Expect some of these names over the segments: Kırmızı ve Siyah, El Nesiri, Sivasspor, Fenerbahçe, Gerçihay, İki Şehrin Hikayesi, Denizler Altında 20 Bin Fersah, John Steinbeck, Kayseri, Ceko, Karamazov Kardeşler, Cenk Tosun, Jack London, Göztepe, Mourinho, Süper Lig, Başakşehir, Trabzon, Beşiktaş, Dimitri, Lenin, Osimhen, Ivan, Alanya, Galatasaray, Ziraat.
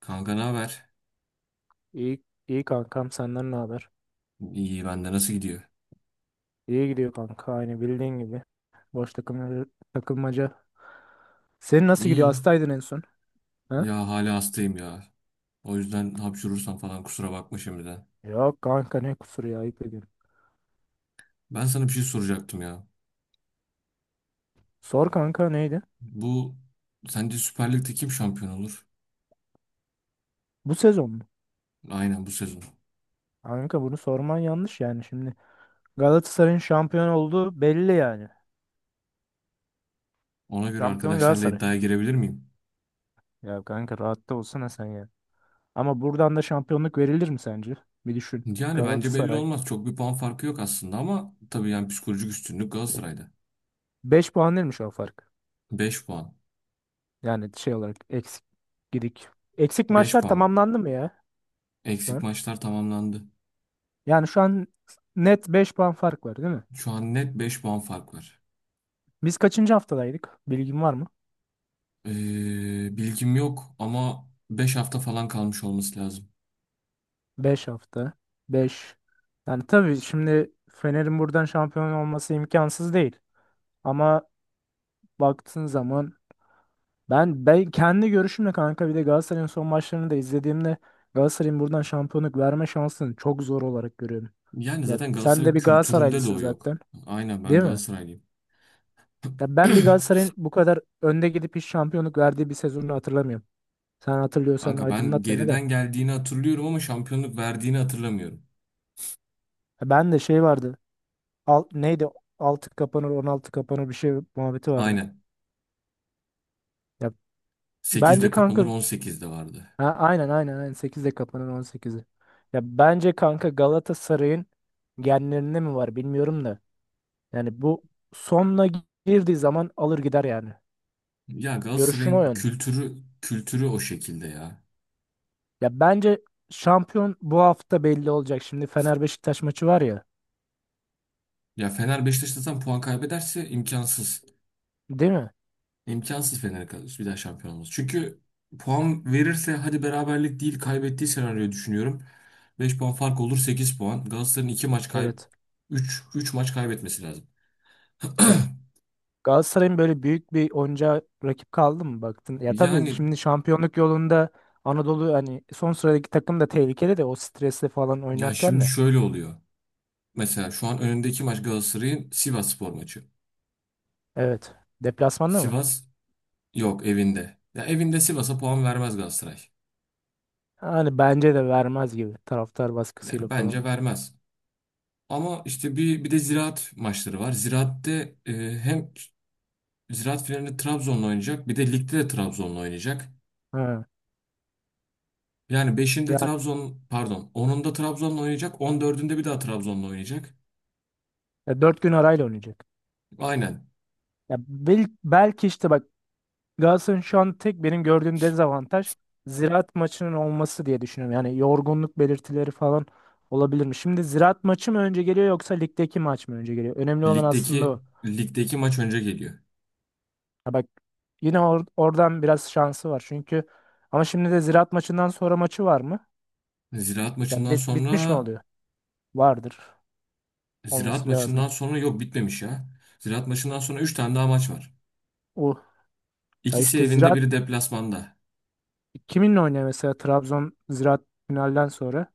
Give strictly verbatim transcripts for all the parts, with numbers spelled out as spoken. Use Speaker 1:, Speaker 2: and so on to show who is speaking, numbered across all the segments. Speaker 1: Kanka ne haber?
Speaker 2: İyi, iyi kankam senden ne haber?
Speaker 1: İyi bende nasıl gidiyor?
Speaker 2: İyi gidiyor kanka aynı bildiğin gibi. Boş takım, takılmaca. Senin nasıl gidiyor?
Speaker 1: İyi.
Speaker 2: Hastaydın en son. Ha?
Speaker 1: Ya hala hastayım ya. O yüzden hapşurursam falan kusura bakma şimdiden.
Speaker 2: Yok kanka ne kusuru ya, ayıp ediyorum.
Speaker 1: Ben sana bir şey soracaktım ya.
Speaker 2: Sor kanka, neydi?
Speaker 1: Bu sence Süper Lig'de kim şampiyon olur?
Speaker 2: Bu sezon mu?
Speaker 1: Aynen bu sezon.
Speaker 2: Kanka bunu sorman yanlış yani şimdi. Galatasaray'ın şampiyon olduğu belli yani.
Speaker 1: Ona göre
Speaker 2: Şampiyon
Speaker 1: arkadaşlarla
Speaker 2: Galatasaray.
Speaker 1: iddiaya girebilir miyim?
Speaker 2: Ya kanka rahatta olsana sen ya. Ama buradan da şampiyonluk verilir mi sence? Bir düşün.
Speaker 1: Yani bence belli
Speaker 2: Galatasaray.
Speaker 1: olmaz. Çok bir puan farkı yok aslında ama tabii yani psikolojik üstünlük Galatasaray'da.
Speaker 2: Beş puan değilmiş o fark.
Speaker 1: Beş puan.
Speaker 2: Yani şey olarak eksik gidik. Eksik
Speaker 1: Beş
Speaker 2: maçlar
Speaker 1: puan.
Speaker 2: tamamlandı mı ya? Şu
Speaker 1: Eksik
Speaker 2: an.
Speaker 1: maçlar tamamlandı.
Speaker 2: Yani şu an net beş puan fark var değil mi?
Speaker 1: Şu an net beş puan fark var.
Speaker 2: Biz kaçıncı haftadaydık? Bilgin var mı?
Speaker 1: Ee, bilgim yok ama beş hafta falan kalmış olması lazım.
Speaker 2: Beş hafta. Beş. Yani tabii şimdi Fener'in buradan şampiyon olması imkansız değil. Ama baktığın zaman ben ben kendi görüşümle kanka, bir de Galatasaray'ın son maçlarını da izlediğimde Galatasaray'ın buradan şampiyonluk verme şansını çok zor olarak görüyorum.
Speaker 1: Yani
Speaker 2: Ya
Speaker 1: zaten
Speaker 2: sen de
Speaker 1: Galatasaray
Speaker 2: bir
Speaker 1: kültüründe de
Speaker 2: Galatasaraylısın
Speaker 1: o yok.
Speaker 2: zaten,
Speaker 1: Aynen ben
Speaker 2: değil mi?
Speaker 1: Galatasaraylıyım.
Speaker 2: Ya ben bir Galatasaray'ın bu kadar önde gidip hiç şampiyonluk verdiği bir sezonunu hatırlamıyorum. Sen hatırlıyorsan
Speaker 1: Kanka ben
Speaker 2: aydınlat beni de.
Speaker 1: geriden geldiğini hatırlıyorum ama şampiyonluk verdiğini hatırlamıyorum.
Speaker 2: Ben de şey vardı. Al, neydi? Altı kapanır on altı kapanır bir şey muhabbeti vardı.
Speaker 1: Aynen.
Speaker 2: Ya bence
Speaker 1: sekizde kapanır
Speaker 2: kanka,
Speaker 1: on sekizde vardı.
Speaker 2: ha, aynen aynen aynen sekizde kapanır on sekizde. Ya bence kanka Galatasaray'ın genlerinde mi var bilmiyorum da. Yani bu sonuna girdiği zaman alır gider yani.
Speaker 1: Ya
Speaker 2: Görüşüm o
Speaker 1: Galatasaray'ın
Speaker 2: yön.
Speaker 1: kültürü kültürü o şekilde ya.
Speaker 2: Ya bence şampiyon bu hafta belli olacak. Şimdi Fener Beşiktaş maçı var ya.
Speaker 1: Ya Fener Beşiktaş puan kaybederse imkansız.
Speaker 2: Değil mi?
Speaker 1: İmkansız Fener'e kalır bir daha şampiyon olması. Çünkü puan verirse hadi beraberlik değil kaybettiği senaryoyu düşünüyorum. Beş puan fark olur sekiz puan. Galatasaray'ın iki maç kay
Speaker 2: Evet.
Speaker 1: üç üç maç kaybetmesi lazım.
Speaker 2: Ya Galatasaray'ın böyle büyük bir oyuncağa rakip kaldı mı baktın? Ya tabii
Speaker 1: Yani
Speaker 2: şimdi şampiyonluk yolunda Anadolu, hani son sıradaki takım da tehlikeli de o stresle falan
Speaker 1: ya
Speaker 2: oynarken
Speaker 1: şimdi
Speaker 2: de.
Speaker 1: şöyle oluyor. Mesela şu an önündeki maç Galatasaray'ın Sivasspor maçı.
Speaker 2: Evet. Deplasmanda mı?
Speaker 1: Sivas yok evinde. Ya evinde Sivas'a puan vermez Galatasaray.
Speaker 2: Hani bence de vermez gibi, taraftar baskısıyla
Speaker 1: Yani
Speaker 2: falan.
Speaker 1: bence vermez. Ama işte bir bir de Ziraat maçları var. Ziraat'te e, hem Ziraat finalinde Trabzon'la oynayacak. Bir de ligde de Trabzon'la oynayacak.
Speaker 2: Ha.
Speaker 1: Yani beşinde
Speaker 2: Yani
Speaker 1: Trabzon, pardon onunda Trabzon'la oynayacak. On dördünde bir daha Trabzon'la oynayacak.
Speaker 2: e, dört gün arayla oynayacak.
Speaker 1: Aynen.
Speaker 2: Ya bel- belki işte bak, Galatasaray'ın şu an tek benim gördüğüm dezavantaj Ziraat maçının olması diye düşünüyorum. Yani yorgunluk belirtileri falan olabilir mi? Şimdi Ziraat maçı mı önce geliyor yoksa ligdeki maç mı önce geliyor? Önemli olan aslında
Speaker 1: Ligdeki
Speaker 2: o.
Speaker 1: ligdeki maç önce geliyor.
Speaker 2: Ya bak, yine or- oradan biraz şansı var. Çünkü ama şimdi de Ziraat maçından sonra maçı var mı?
Speaker 1: Ziraat
Speaker 2: Yani
Speaker 1: maçından
Speaker 2: lig bitmiş mi
Speaker 1: sonra
Speaker 2: oluyor? Vardır.
Speaker 1: Ziraat
Speaker 2: Olması lazım.
Speaker 1: maçından sonra yok bitmemiş ya. Ziraat maçından sonra üç tane daha maç var.
Speaker 2: O ya
Speaker 1: İkisi
Speaker 2: işte
Speaker 1: evinde,
Speaker 2: Ziraat
Speaker 1: biri deplasmanda.
Speaker 2: kiminle oynuyor, mesela Trabzon Ziraat finalden sonra?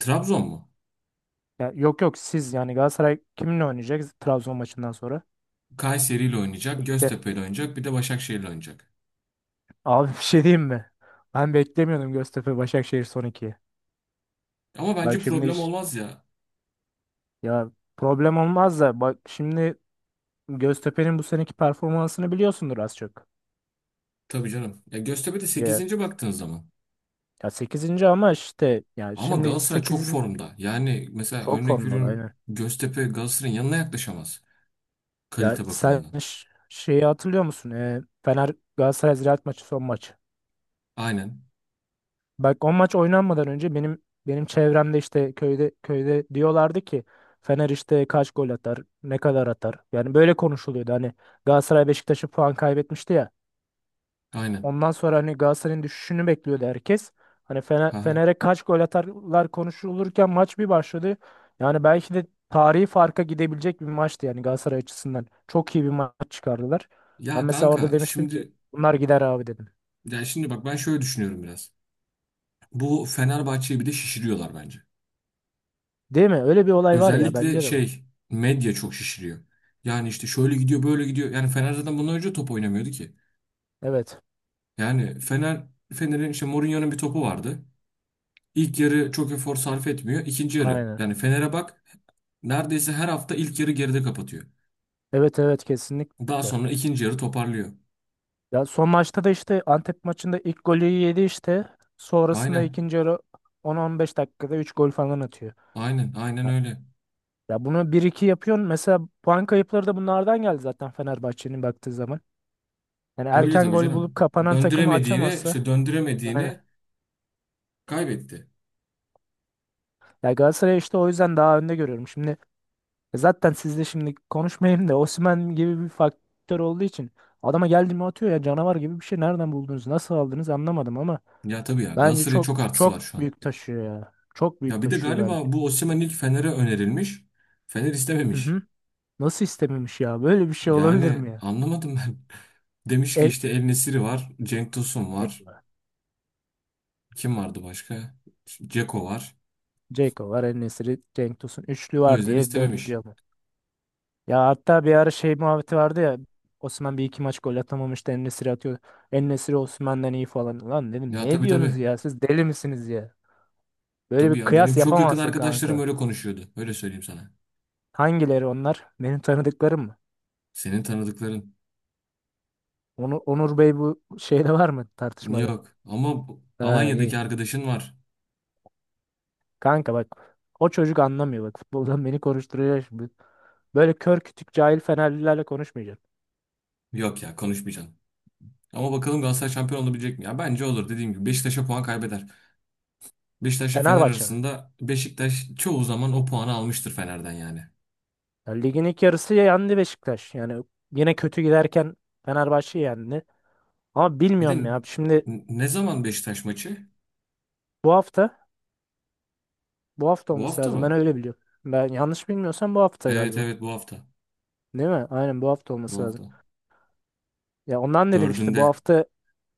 Speaker 1: Trabzon mu?
Speaker 2: Ya yok yok siz, yani Galatasaray kiminle oynayacak Trabzon maçından sonra?
Speaker 1: Kayseri ile oynayacak,
Speaker 2: Ligde.
Speaker 1: Göztepe ile oynayacak, bir de Başakşehir ile oynayacak.
Speaker 2: Abi bir şey diyeyim mi? Ben beklemiyordum Göztepe Başakşehir son ikiyi.
Speaker 1: Ama
Speaker 2: Bak
Speaker 1: bence
Speaker 2: şimdi
Speaker 1: problem
Speaker 2: iş,
Speaker 1: olmaz ya.
Speaker 2: ya problem olmaz da bak şimdi Göztepe'nin bu seneki performansını biliyorsundur az çok.
Speaker 1: Tabii canım. Ya Göztepe de
Speaker 2: Ya,
Speaker 1: sekizinci baktığın zaman.
Speaker 2: ya sekizinci ama işte yani
Speaker 1: Ama
Speaker 2: şimdi
Speaker 1: Galatasaray çok
Speaker 2: sekizinci
Speaker 1: formda. Yani mesela
Speaker 2: çok
Speaker 1: örnek
Speaker 2: formda
Speaker 1: veriyorum
Speaker 2: aynen.
Speaker 1: Göztepe Galatasaray'ın yanına yaklaşamaz
Speaker 2: Ya
Speaker 1: kalite
Speaker 2: sen
Speaker 1: bakımından.
Speaker 2: ş- şeyi hatırlıyor musun? E, Fener Galatasaray Ziraat maçı son maç.
Speaker 1: Aynen.
Speaker 2: Bak o maç oynanmadan önce benim benim çevremde işte köyde köyde diyorlardı ki Fener işte kaç gol atar, ne kadar atar. Yani böyle konuşuluyordu. Hani Galatasaray Beşiktaş'ı puan kaybetmişti ya.
Speaker 1: Aynen.
Speaker 2: Ondan sonra hani Galatasaray'ın düşüşünü bekliyordu herkes. Hani Fener,
Speaker 1: Ha. Ha.
Speaker 2: Fener'e kaç gol atarlar konuşulurken maç bir başladı. Yani belki de tarihi farka gidebilecek bir maçtı yani Galatasaray açısından. Çok iyi bir maç çıkardılar. Ben
Speaker 1: Ya
Speaker 2: mesela orada
Speaker 1: kanka
Speaker 2: demiştim ki
Speaker 1: şimdi
Speaker 2: bunlar gider abi dedim.
Speaker 1: ya şimdi bak ben şöyle düşünüyorum biraz. Bu Fenerbahçe'yi bir de şişiriyorlar bence.
Speaker 2: Değil mi? Öyle bir olay var ya
Speaker 1: Özellikle
Speaker 2: bence de bu.
Speaker 1: şey medya çok şişiriyor. Yani işte şöyle gidiyor böyle gidiyor. Yani Fener zaten bundan önce top oynamıyordu ki.
Speaker 2: Evet.
Speaker 1: Yani Fener Fener'in işte Mourinho'nun bir topu vardı. İlk yarı çok efor sarf etmiyor. İkinci yarı
Speaker 2: Aynen.
Speaker 1: yani Fener'e bak neredeyse her hafta ilk yarı geride kapatıyor.
Speaker 2: Evet, evet,
Speaker 1: Daha
Speaker 2: kesinlikle.
Speaker 1: sonra ikinci yarı toparlıyor.
Speaker 2: Ya son maçta da işte Antep maçında ilk golü yedi işte. Sonrasında
Speaker 1: Aynen.
Speaker 2: ikinci yarı on on beş dakikada üç gol falan atıyor.
Speaker 1: Aynen Aynen
Speaker 2: Ya,
Speaker 1: öyle.
Speaker 2: ya bunu bir iki yapıyorsun. Mesela puan kayıpları da bunlardan geldi zaten Fenerbahçe'nin baktığı zaman. Yani
Speaker 1: Öyle
Speaker 2: erken
Speaker 1: tabii
Speaker 2: gol bulup
Speaker 1: canım.
Speaker 2: kapanan takımı
Speaker 1: Döndüremediğini
Speaker 2: açamazsa.
Speaker 1: işte
Speaker 2: Aynen.
Speaker 1: döndüremediğini kaybetti.
Speaker 2: Ya Galatasaray işte o yüzden daha önde görüyorum. Şimdi e zaten sizle şimdi konuşmayayım da Osimhen gibi bir faktör olduğu için adama geldi mi atıyor ya canavar gibi bir şey, nereden buldunuz nasıl aldınız anlamadım ama
Speaker 1: Ya tabii ya
Speaker 2: bence
Speaker 1: Galatasaray'ın
Speaker 2: çok
Speaker 1: çok artısı var şu
Speaker 2: çok
Speaker 1: an.
Speaker 2: büyük taşıyor ya. Çok büyük
Speaker 1: Ya bir de
Speaker 2: taşıyor bence.
Speaker 1: galiba bu Osimhen ilk Fener'e önerilmiş. Fener
Speaker 2: Hı
Speaker 1: istememiş.
Speaker 2: hı. Nasıl istememiş ya? Böyle bir şey olabilir mi
Speaker 1: Yani
Speaker 2: ya?
Speaker 1: anlamadım ben. Demiş ki
Speaker 2: El,
Speaker 1: işte El Nesiri var. Cenk Tosun
Speaker 2: e,
Speaker 1: var. Kim vardı başka? Ceko var.
Speaker 2: Ceko var, En-Nesyri, Cenk Tosun. Üçlü
Speaker 1: O
Speaker 2: var
Speaker 1: yüzden
Speaker 2: diye dördüncü
Speaker 1: istememiş.
Speaker 2: alıyor. Ya hatta bir ara şey muhabbeti vardı ya. Osman bir iki maç gol atamamıştı. En-Nesyri atıyor. En-Nesyri Osman'dan iyi falan. Lan dedim
Speaker 1: Ya
Speaker 2: ne
Speaker 1: tabii tabii.
Speaker 2: diyorsunuz ya? Siz deli misiniz ya? Böyle bir
Speaker 1: Tabii ya benim
Speaker 2: kıyas
Speaker 1: çok yakın
Speaker 2: yapamazsın
Speaker 1: arkadaşlarım
Speaker 2: kanka.
Speaker 1: öyle konuşuyordu. Öyle söyleyeyim sana.
Speaker 2: Hangileri onlar? Benim tanıdıklarım mı?
Speaker 1: Senin tanıdıkların.
Speaker 2: Onu, Onur Bey bu şeyde var mı, tartışmada?
Speaker 1: Yok. Ama bu-
Speaker 2: Ha, iyi.
Speaker 1: Alanya'daki arkadaşın var.
Speaker 2: Kanka bak o çocuk anlamıyor bak, futboldan beni konuşturuyor şimdi. Böyle kör kütük cahil Fenerlilerle konuşmayacaksın.
Speaker 1: Yok ya konuşmayacaksın. Ama bakalım Galatasaray şampiyon olabilecek mi? Ya bence olur dediğim gibi. Beşiktaş'a puan kaybeder. Beşiktaş'la Fener
Speaker 2: Fenerbahçe mi?
Speaker 1: arasında Beşiktaş çoğu zaman o puanı almıştır Fener'den yani.
Speaker 2: Ya ligin ilk yarısı yendi Beşiktaş. Yani yine kötü giderken Fenerbahçe yendi. Ama
Speaker 1: Bir de
Speaker 2: bilmiyorum ya.
Speaker 1: n-
Speaker 2: Şimdi
Speaker 1: ne zaman Beşiktaş maçı?
Speaker 2: bu hafta bu hafta
Speaker 1: Bu
Speaker 2: olması
Speaker 1: hafta
Speaker 2: lazım. Ben
Speaker 1: mı?
Speaker 2: öyle biliyorum. Ben yanlış bilmiyorsam bu hafta
Speaker 1: Evet
Speaker 2: galiba.
Speaker 1: evet bu hafta.
Speaker 2: Değil mi? Aynen bu hafta
Speaker 1: Bu
Speaker 2: olması lazım.
Speaker 1: hafta.
Speaker 2: Ya ondan dedim işte, bu
Speaker 1: Dördünde.
Speaker 2: hafta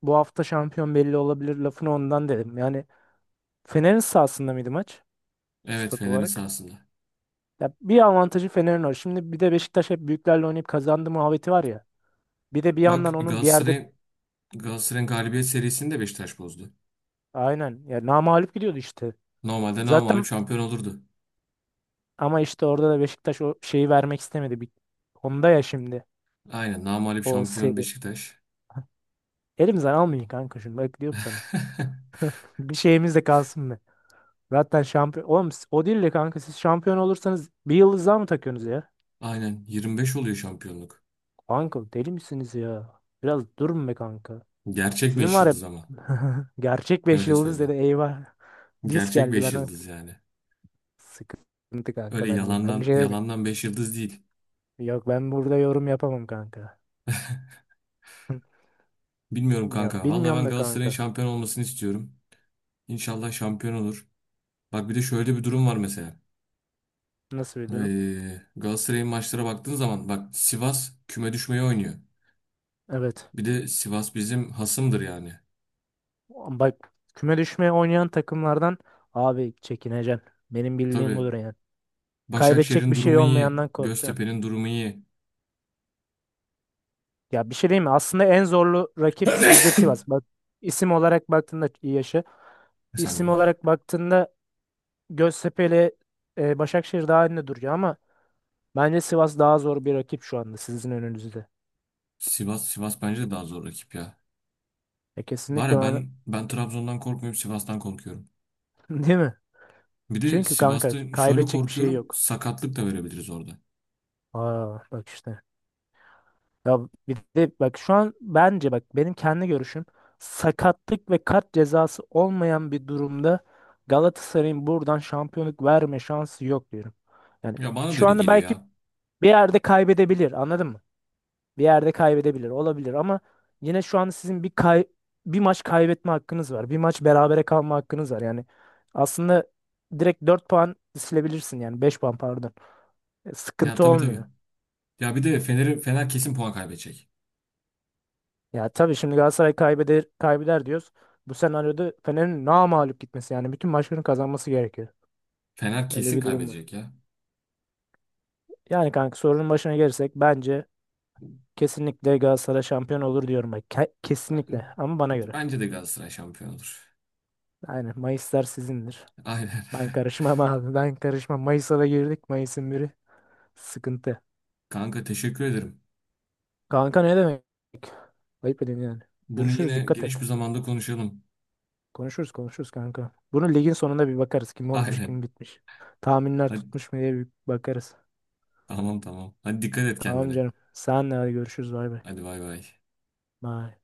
Speaker 2: bu hafta şampiyon belli olabilir lafını ondan dedim. Yani Fener'in sahasında mıydı maç?
Speaker 1: Evet
Speaker 2: Stat
Speaker 1: Fener'in
Speaker 2: olarak.
Speaker 1: sahasında.
Speaker 2: Ya bir avantajı Fener'in var. Şimdi bir de Beşiktaş hep büyüklerle oynayıp kazandı muhabbeti var ya. Bir de bir yandan
Speaker 1: Bak
Speaker 2: onun bir yerde
Speaker 1: Galatasaray Galatasaray'ın galibiyet serisini de Beşiktaş bozdu.
Speaker 2: aynen ya namağlup gidiyordu işte.
Speaker 1: Normalde namağlup
Speaker 2: Zaten
Speaker 1: şampiyon olurdu.
Speaker 2: ama işte orada da Beşiktaş o şeyi vermek istemedi. Bir, onda ya şimdi
Speaker 1: Aynen namağlup
Speaker 2: o
Speaker 1: şampiyon
Speaker 2: seri.
Speaker 1: Beşiktaş.
Speaker 2: Elimizden almayın kanka şunu, bak diyorum sana. Bir şeyimiz de kalsın be. Zaten şampiyon. Oğlum siz- o değil de kanka siz şampiyon olursanız bir yıldız daha mı takıyorsunuz ya?
Speaker 1: Aynen yirmi beş oluyor şampiyonluk.
Speaker 2: Kanka deli misiniz ya? Biraz durun be kanka.
Speaker 1: Gerçek
Speaker 2: Sizin
Speaker 1: beş
Speaker 2: var ya
Speaker 1: yıldız ama.
Speaker 2: gerçek beş
Speaker 1: Öyle
Speaker 2: yıldız dedi,
Speaker 1: söyleyeyim.
Speaker 2: eyvah. Disk
Speaker 1: Gerçek
Speaker 2: geldi
Speaker 1: beş
Speaker 2: ben.
Speaker 1: yıldız yani.
Speaker 2: Sıkıntı kanka,
Speaker 1: Öyle
Speaker 2: ben diyeyim. Ben bir
Speaker 1: yalandan
Speaker 2: şey demiyorum.
Speaker 1: yalandan beş yıldız değil.
Speaker 2: Yok, ben burada yorum yapamam kanka.
Speaker 1: Bilmiyorum
Speaker 2: Ya
Speaker 1: kanka. Vallahi
Speaker 2: bilmiyorum
Speaker 1: ben
Speaker 2: da
Speaker 1: Galatasaray'ın
Speaker 2: kanka.
Speaker 1: şampiyon olmasını istiyorum. İnşallah şampiyon olur. Bak bir de şöyle bir durum var mesela.
Speaker 2: Nasıl bir durum?
Speaker 1: Ee, Galatasaray'ın maçlara baktığın zaman bak Sivas küme düşmeye oynuyor.
Speaker 2: Evet.
Speaker 1: Bir de Sivas bizim hasımdır yani.
Speaker 2: Bak, küme düşmeye oynayan takımlardan abi çekineceksin. Benim bildiğim
Speaker 1: Tabii
Speaker 2: budur yani. Kaybedecek
Speaker 1: Başakşehir'in
Speaker 2: bir şey
Speaker 1: durumu iyi.
Speaker 2: olmayandan korkacaksın.
Speaker 1: Göztepe'nin durumu iyi.
Speaker 2: Ya bir şey değil mi? Aslında en zorlu rakip sizde
Speaker 1: E
Speaker 2: Sivas. Bak, isim olarak baktığında iyi yaşı.
Speaker 1: Sen de
Speaker 2: İsim
Speaker 1: gör.
Speaker 2: olarak baktığında Göztepe ile e, Başakşehir daha önde duruyor ama bence Sivas daha zor bir rakip şu anda sizin önünüzde.
Speaker 1: Sivas Sivas bence de daha zor rakip ya.
Speaker 2: E,
Speaker 1: Var
Speaker 2: kesinlikle
Speaker 1: ya
Speaker 2: ben.
Speaker 1: ben ben Trabzon'dan korkmuyorum, Sivas'tan korkuyorum.
Speaker 2: Değil mi?
Speaker 1: Bir de
Speaker 2: Çünkü kanka
Speaker 1: Sivas'ta şöyle
Speaker 2: kaybedecek bir şey
Speaker 1: korkuyorum,
Speaker 2: yok.
Speaker 1: sakatlık da verebiliriz orada.
Speaker 2: Aa bak işte. Ya bir de bak şu an bence, bak benim kendi görüşüm, sakatlık ve kart cezası olmayan bir durumda Galatasaray'ın buradan şampiyonluk verme şansı yok diyorum. Yani
Speaker 1: Ya bana da
Speaker 2: şu
Speaker 1: öyle
Speaker 2: anda
Speaker 1: geliyor
Speaker 2: belki
Speaker 1: ya.
Speaker 2: bir yerde kaybedebilir, anladın mı? Bir yerde kaybedebilir olabilir ama yine şu anda sizin bir kay bir maç kaybetme hakkınız var. Bir maç berabere kalma hakkınız var. Yani aslında direkt dört puan silebilirsin, yani beş puan, pardon. E,
Speaker 1: Ya
Speaker 2: Sıkıntı
Speaker 1: tabii tabii.
Speaker 2: olmuyor.
Speaker 1: Ya bir de Fener Fener kesin puan kaybedecek.
Speaker 2: Ya tabii şimdi Galatasaray kaybeder, kaybeder diyoruz. Bu senaryoda Fener'in namağlup gitmesi yani bütün maçlarını kazanması gerekiyor.
Speaker 1: Fener
Speaker 2: Öyle
Speaker 1: kesin
Speaker 2: bir durum var.
Speaker 1: kaybedecek ya.
Speaker 2: Yani kanka, sorunun başına gelirsek bence kesinlikle Galatasaray şampiyon olur diyorum. Bak, ke- kesinlikle,
Speaker 1: Ben,
Speaker 2: ama bana göre.
Speaker 1: bence de Galatasaray şampiyon olur.
Speaker 2: Yani Mayıslar sizindir.
Speaker 1: Aynen.
Speaker 2: Ben karışmam abi. Ben karışmam. Mayıs'a da girdik. Mayıs'ın biri sıkıntı.
Speaker 1: Kanka teşekkür ederim.
Speaker 2: Kanka ne demek? Ayıp edin yani.
Speaker 1: Bunu
Speaker 2: Görüşürüz.
Speaker 1: yine
Speaker 2: Dikkat
Speaker 1: geniş
Speaker 2: et.
Speaker 1: bir zamanda konuşalım.
Speaker 2: Konuşuruz konuşuruz kanka. Bunu ligin sonunda bir bakarız. Kim olmuş
Speaker 1: Aynen.
Speaker 2: kim bitmiş. Tahminler
Speaker 1: Hadi.
Speaker 2: tutmuş mu diye bir bakarız.
Speaker 1: Tamam tamam. Hadi dikkat et
Speaker 2: Tamam
Speaker 1: kendine.
Speaker 2: canım. Senle hadi görüşürüz. Bay bay.
Speaker 1: Hadi bay bay.
Speaker 2: Bye.